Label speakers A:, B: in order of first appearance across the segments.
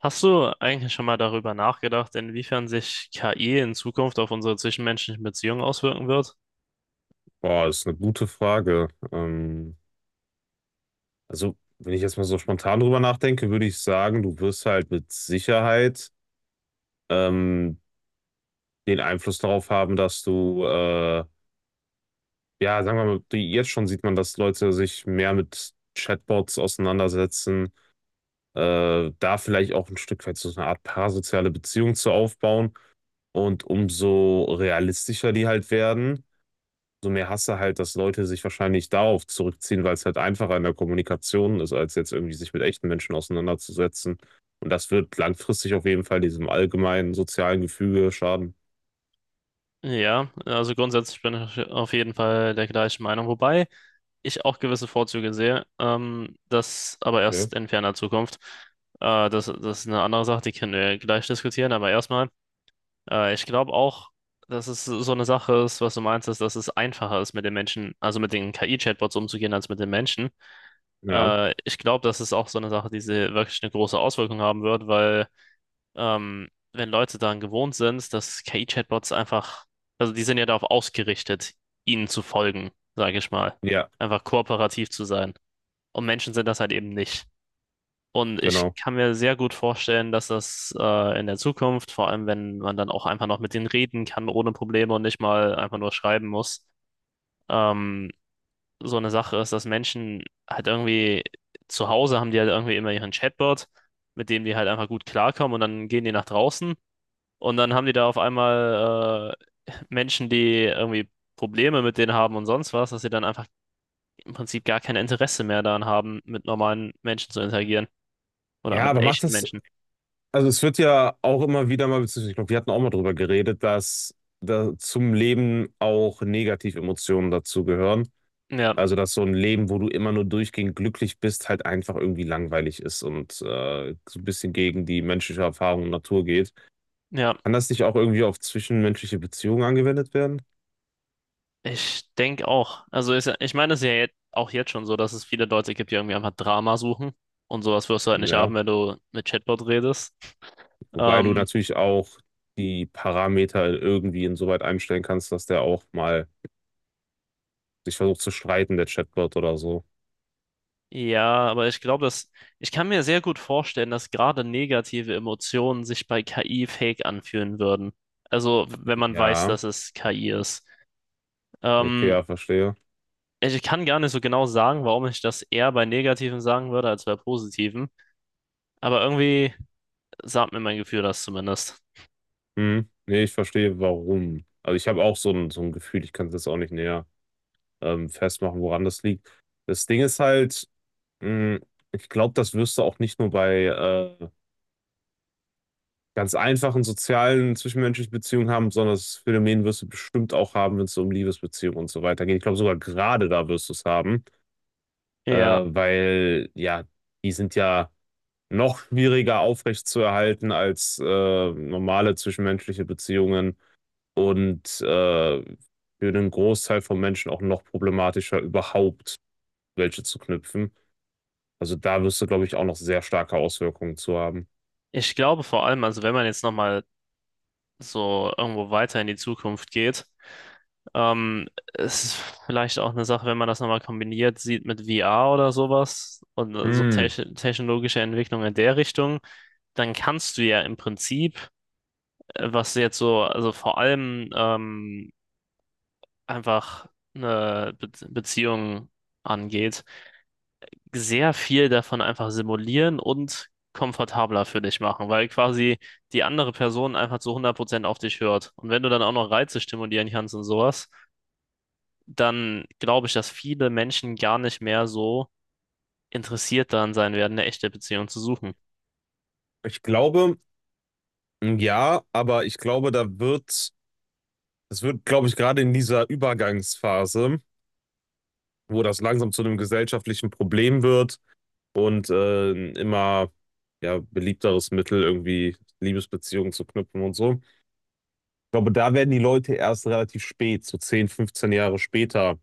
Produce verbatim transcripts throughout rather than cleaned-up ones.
A: Hast du eigentlich schon mal darüber nachgedacht, inwiefern sich K I in Zukunft auf unsere zwischenmenschlichen Beziehungen auswirken wird?
B: Boah, das ist eine gute Frage. Ähm, also, wenn ich jetzt mal so spontan drüber nachdenke, würde ich sagen, du wirst halt mit Sicherheit ähm, den Einfluss darauf haben, dass du, äh, ja, sagen wir mal, die- jetzt schon sieht man, dass Leute sich mehr mit Chatbots auseinandersetzen, äh, da vielleicht auch ein Stück weit so eine Art parasoziale Beziehung zu aufbauen und umso realistischer die halt werden. Umso mehr hast du halt, dass Leute sich wahrscheinlich darauf zurückziehen, weil es halt einfacher in der Kommunikation ist, als jetzt irgendwie sich mit echten Menschen auseinanderzusetzen. Und das wird langfristig auf jeden Fall diesem allgemeinen sozialen Gefüge schaden.
A: Ja, also grundsätzlich bin ich auf jeden Fall der gleichen Meinung, wobei ich auch gewisse Vorzüge sehe, ähm, das aber
B: Ja.
A: erst in ferner Zukunft. Äh, das, das ist eine andere Sache, die können wir gleich diskutieren, aber erstmal, äh, ich glaube auch, dass es so eine Sache ist. Was du meinst, ist, dass es einfacher ist, mit den Menschen, also mit den K I-Chatbots umzugehen, als mit den Menschen.
B: Ja,
A: Äh, ich glaube, das ist auch so eine Sache, die sie wirklich eine große Auswirkung haben wird, weil ähm, wenn Leute daran gewohnt sind, dass K I-Chatbots einfach, also die sind ja darauf ausgerichtet, ihnen zu folgen, sage ich mal,
B: ja,
A: einfach kooperativ zu sein. Und Menschen sind das halt eben nicht. Und ich
B: genau.
A: kann mir sehr gut vorstellen, dass das äh, in der Zukunft, vor allem wenn man dann auch einfach noch mit denen reden kann ohne Probleme und nicht mal einfach nur schreiben muss, ähm, so eine Sache ist, dass Menschen halt irgendwie zu Hause haben die halt irgendwie immer ihren Chatbot, mit dem die halt einfach gut klarkommen, und dann gehen die nach draußen und dann haben die da auf einmal äh, Menschen, die irgendwie Probleme mit denen haben und sonst was, dass sie dann einfach im Prinzip gar kein Interesse mehr daran haben, mit normalen Menschen zu interagieren oder
B: Ja,
A: mit
B: aber macht
A: echten
B: das,
A: Menschen.
B: also es wird ja auch immer wieder mal, beziehungsweise ich glaube, wir hatten auch mal drüber geredet, dass da zum Leben auch negative Emotionen dazugehören.
A: Ja,
B: Also, dass so ein Leben, wo du immer nur durchgehend glücklich bist, halt einfach irgendwie langweilig ist und, äh, so ein bisschen gegen die menschliche Erfahrung und Natur geht.
A: ja,
B: Kann das nicht auch irgendwie auf zwischenmenschliche Beziehungen angewendet werden?
A: ich denke auch. Also ist, ja- ich meine, es ist ja jetzt, auch jetzt schon so, dass es viele Leute gibt, die irgendwie einfach Drama suchen. Und sowas wirst du halt nicht haben,
B: Ja,
A: wenn du mit Chatbot redest.
B: wobei du
A: Ähm,
B: natürlich auch die Parameter irgendwie insoweit einstellen kannst, dass der auch mal sich versucht zu streiten, der Chatbot oder so.
A: ja, aber ich glaube, dass ich kann mir sehr gut vorstellen, dass gerade negative Emotionen sich bei K I fake anfühlen würden. Also, wenn man weiß,
B: Ja,
A: dass es K I ist.
B: okay,
A: Ähm,
B: ja, verstehe.
A: Ich kann gar nicht so genau sagen, warum ich das eher bei negativen sagen würde als bei positiven. Aber irgendwie sagt mir mein Gefühl das zumindest.
B: Mhm. Ne, ich verstehe, warum. Also, ich habe auch so ein so ein Gefühl, ich kann es jetzt auch nicht näher, ähm, festmachen, woran das liegt. Das Ding ist halt. Mm, Ich glaube, das wirst du auch nicht nur bei äh, ganz einfachen sozialen zwischenmenschlichen Beziehungen haben, sondern das Phänomen wirst du bestimmt auch haben, wenn es so um Liebesbeziehungen und so weiter geht. Ich glaube, sogar gerade da wirst du es haben, äh,
A: Ja,
B: weil ja, die sind ja noch schwieriger aufrechtzuerhalten als äh, normale zwischenmenschliche Beziehungen und äh, für den Großteil von Menschen auch noch problematischer, überhaupt welche zu knüpfen. Also da wirst du, glaube ich, auch noch sehr starke Auswirkungen zu haben.
A: ich glaube vor allem, also wenn man jetzt nochmal so irgendwo weiter in die Zukunft geht. Ähm, es ist vielleicht auch eine Sache, wenn man das nochmal kombiniert sieht mit V R oder sowas und äh, so
B: Hm,
A: techn- technologische Entwicklung in der Richtung, dann kannst du ja im Prinzip, äh, was jetzt so, also vor allem ähm, einfach eine Be Beziehung angeht, sehr viel davon einfach simulieren und komfortabler für dich machen, weil quasi die andere Person einfach zu hundert Prozent auf dich hört. Und wenn du dann auch noch Reize stimulieren kannst und sowas, dann glaube ich, dass viele Menschen gar nicht mehr so interessiert daran sein werden, eine echte Beziehung zu suchen.
B: Ich glaube, hm, ja, aber ich glaube, da wird, es wird, glaube ich, gerade in dieser Übergangsphase, wo das langsam zu einem gesellschaftlichen Problem wird und äh, ein immer ja, beliebteres Mittel, irgendwie Liebesbeziehungen zu knüpfen und so. Ich glaube, da werden die Leute erst relativ spät, so zehn, fünfzehn Jahre später,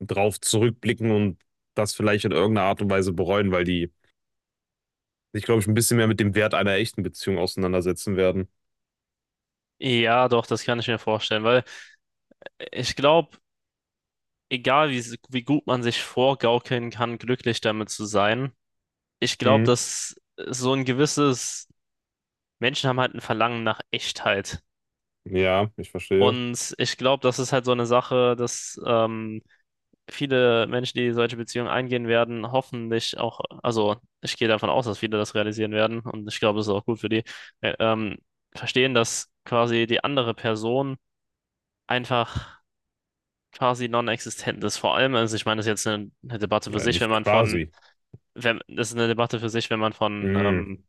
B: drauf zurückblicken und das vielleicht in irgendeiner Art und Weise bereuen, weil die sich, glaube ich, ein bisschen mehr mit dem Wert einer echten Beziehung auseinandersetzen werden.
A: Ja, doch, das kann ich mir vorstellen, weil ich glaube, egal wie, wie gut man sich vorgaukeln kann, glücklich damit zu sein, ich glaube,
B: Hm,
A: dass so ein gewisses, Menschen haben halt ein Verlangen nach Echtheit.
B: ja, ich verstehe.
A: Und ich glaube, das ist halt so eine Sache, dass ähm, viele Menschen, die solche Beziehungen eingehen werden, hoffentlich auch, also ich gehe davon aus, dass viele das realisieren werden, und ich glaube, es ist auch gut für die, äh, ähm, verstehen, dass quasi die andere Person einfach quasi non-existent ist. Vor allem, also ich meine, das ist jetzt eine, eine Debatte für
B: Ja,
A: sich, wenn
B: nicht
A: man von,
B: quasi.
A: wenn, das ist eine Debatte für sich, wenn man von
B: Mm.
A: ähm,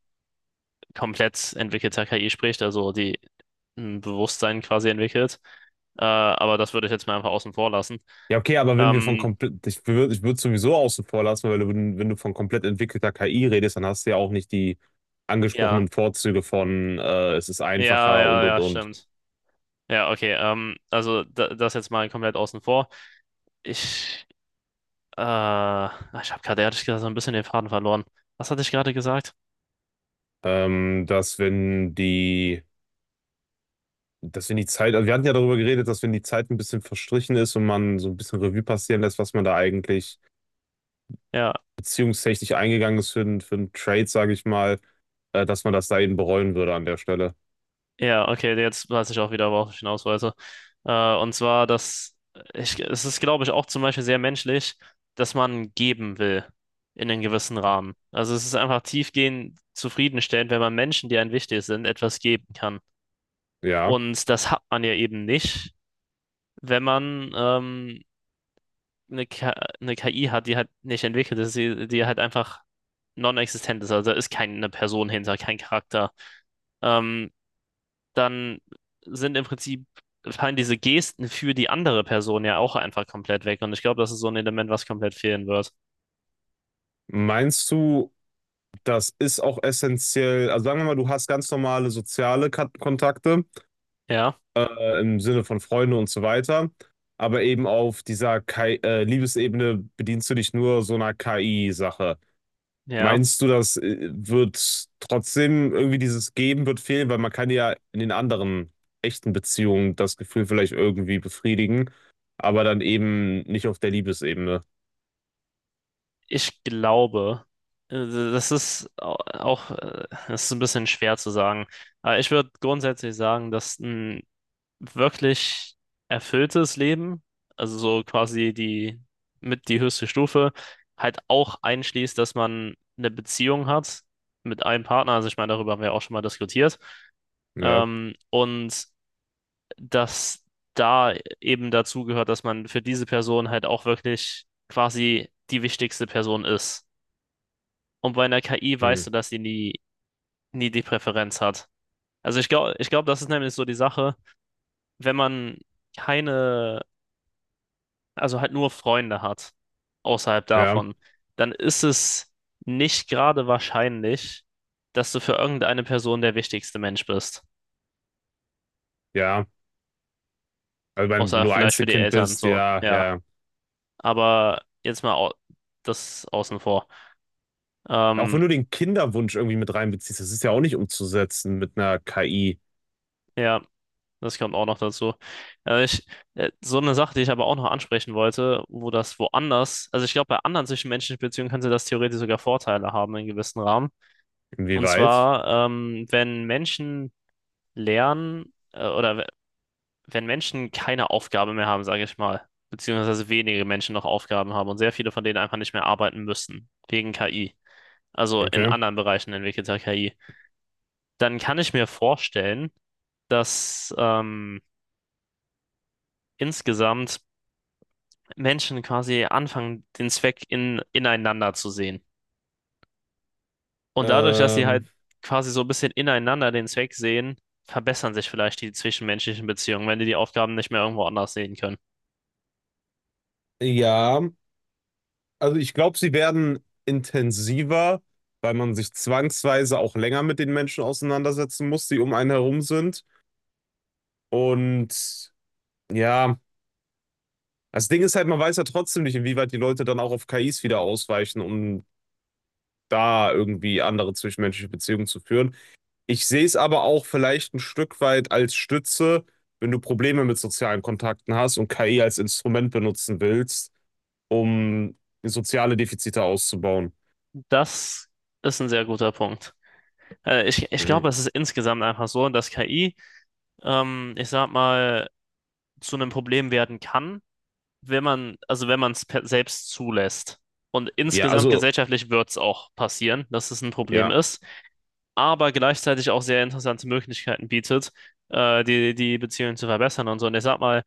A: komplett entwickelter K I spricht, also die ein Bewusstsein quasi entwickelt. Äh, aber das würde ich jetzt mal einfach außen vor lassen.
B: Ja, okay, aber wenn wir von
A: Ähm,
B: komplett, ich würde ich würd sowieso außen vor lassen, weil wenn, wenn du von komplett entwickelter K I redest, dann hast du ja auch nicht die
A: ja,
B: angesprochenen Vorzüge von äh, es ist
A: ja,
B: einfacher und
A: ja,
B: und
A: ja,
B: und.
A: stimmt. Ja, okay. Ähm, also da, das jetzt mal komplett außen vor. Ich, äh, ah, Ich habe gerade ehrlich gesagt so ein bisschen den Faden verloren. Was hatte ich gerade gesagt?
B: Ähm, dass wenn die, dass wenn die Zeit, also wir hatten ja darüber geredet, dass wenn die Zeit ein bisschen verstrichen ist und man so ein bisschen Revue passieren lässt, was man da eigentlich
A: Ja,
B: beziehungstechnisch eingegangen ist für, den- für einen Trade, sage ich mal, äh, dass man das da eben bereuen würde an der Stelle.
A: ja, okay. Jetzt weiß ich auch wieder, worauf ich hinaus wollte. Äh, und zwar, dass ich, es ist, glaube ich, auch zum Beispiel sehr menschlich, dass man geben will in einem gewissen Rahmen. Also es ist einfach tiefgehend zufriedenstellend, wenn man Menschen, die einem wichtig sind, etwas geben kann.
B: Ja.
A: Und das hat man ja eben nicht, wenn man ähm, eine, K eine K I hat, die halt nicht entwickelt ist, die, die halt einfach non-existent ist, also da ist keine Person hinter, kein Charakter, ähm, dann sind im Prinzip, fallen diese Gesten für die andere Person ja auch einfach komplett weg. Und ich glaube, das ist so ein Element, was komplett fehlen wird.
B: Meinst du, Das ist auch essentiell. Also sagen wir mal, du hast ganz normale soziale Kat- Kontakte
A: Ja,
B: äh, im Sinne von Freunde und so weiter. Aber eben auf dieser K I, äh, Liebesebene bedienst du dich nur so einer K I-Sache.
A: ja.
B: Meinst du, das äh, wird trotzdem irgendwie dieses Geben wird fehlen? Weil man kann ja in den anderen echten Beziehungen das Gefühl vielleicht irgendwie befriedigen, aber dann eben nicht auf der Liebesebene.
A: Ich glaube, äh, das ist au- auch, äh, das ist ein bisschen schwer zu sagen. Aber ich würde grundsätzlich sagen, dass ein wirklich erfülltes Leben, also so quasi die mit die höchste Stufe, halt auch einschließt, dass man eine Beziehung hat mit einem Partner. Also ich meine, darüber haben wir auch schon mal diskutiert.
B: Ja,
A: Ähm, und dass da eben dazu gehört, dass man für diese Person halt auch wirklich quasi die wichtigste Person ist. Und bei einer K I
B: hm.
A: weißt du, dass sie nie, nie die Präferenz hat. Also ich glaube, ich glaube, das ist nämlich so die Sache, wenn man keine also halt nur Freunde hat, außerhalb
B: Ja,
A: davon, dann ist es nicht gerade wahrscheinlich, dass du für irgendeine Person der wichtigste Mensch bist.
B: ja. Also wenn
A: Außer
B: du
A: vielleicht für die
B: Einzelkind
A: Eltern,
B: bist,
A: so,
B: ja,
A: ja.
B: ja.
A: Aber jetzt mal au das außen vor.
B: Auch wenn
A: Ähm,
B: du den Kinderwunsch irgendwie mit reinbeziehst, das ist ja auch nicht umzusetzen mit einer K I.
A: ja, das kommt auch noch dazu. Äh, ich, äh, so eine Sache, die ich aber auch noch ansprechen wollte, wo das woanders, also ich glaube, bei anderen zwischenmenschlichen Beziehungen könnte das theoretisch sogar Vorteile haben in gewissen Rahmen. Und
B: Inwieweit?
A: zwar, ähm, wenn Menschen Lernen äh, oder we- wenn Menschen keine Aufgabe mehr haben, sage ich mal, beziehungsweise wenige Menschen noch Aufgaben haben und sehr viele von denen einfach nicht mehr arbeiten müssen, wegen K I, also in
B: Okay.
A: anderen Bereichen entwickelter K I, dann kann ich mir vorstellen, dass ähm, insgesamt Menschen quasi anfangen, den Zweck in, ineinander zu sehen. Und dadurch, dass sie halt
B: Ähm,
A: quasi so ein bisschen ineinander den Zweck sehen, verbessern sich vielleicht die zwischenmenschlichen Beziehungen, wenn die die Aufgaben nicht mehr irgendwo anders sehen können.
B: ja, also ich glaube, sie werden intensiver, weil man sich zwangsweise auch länger mit den Menschen auseinandersetzen muss, die um einen herum sind. Und ja, das Ding ist halt, man weiß ja trotzdem nicht, inwieweit die Leute dann auch auf K Is wieder ausweichen, um da irgendwie andere zwischenmenschliche Beziehungen zu führen. Ich sehe es aber auch vielleicht ein Stück weit als Stütze, wenn du Probleme mit sozialen Kontakten hast und K I als Instrument benutzen willst, um soziale Defizite auszubauen.
A: Das ist ein sehr guter Punkt. Äh, ich, ich
B: Mhm.
A: glaube, es ist insgesamt einfach so, dass K I, ähm, ich sag mal, zu einem Problem werden kann, wenn man, also wenn man es selbst zulässt. Und
B: Ja,
A: insgesamt
B: also,
A: gesellschaftlich wird es auch passieren, dass es ein Problem
B: ja,
A: ist, aber gleichzeitig auch sehr interessante Möglichkeiten bietet, äh, die, die Beziehungen zu verbessern und so. Und ich sag mal,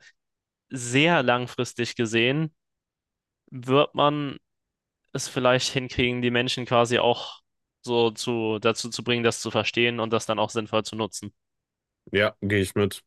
A: sehr langfristig gesehen wird man es vielleicht hinkriegen, die Menschen quasi auch so zu, dazu zu bringen, das zu verstehen und das dann auch sinnvoll zu nutzen.
B: ja, gehe ich mit.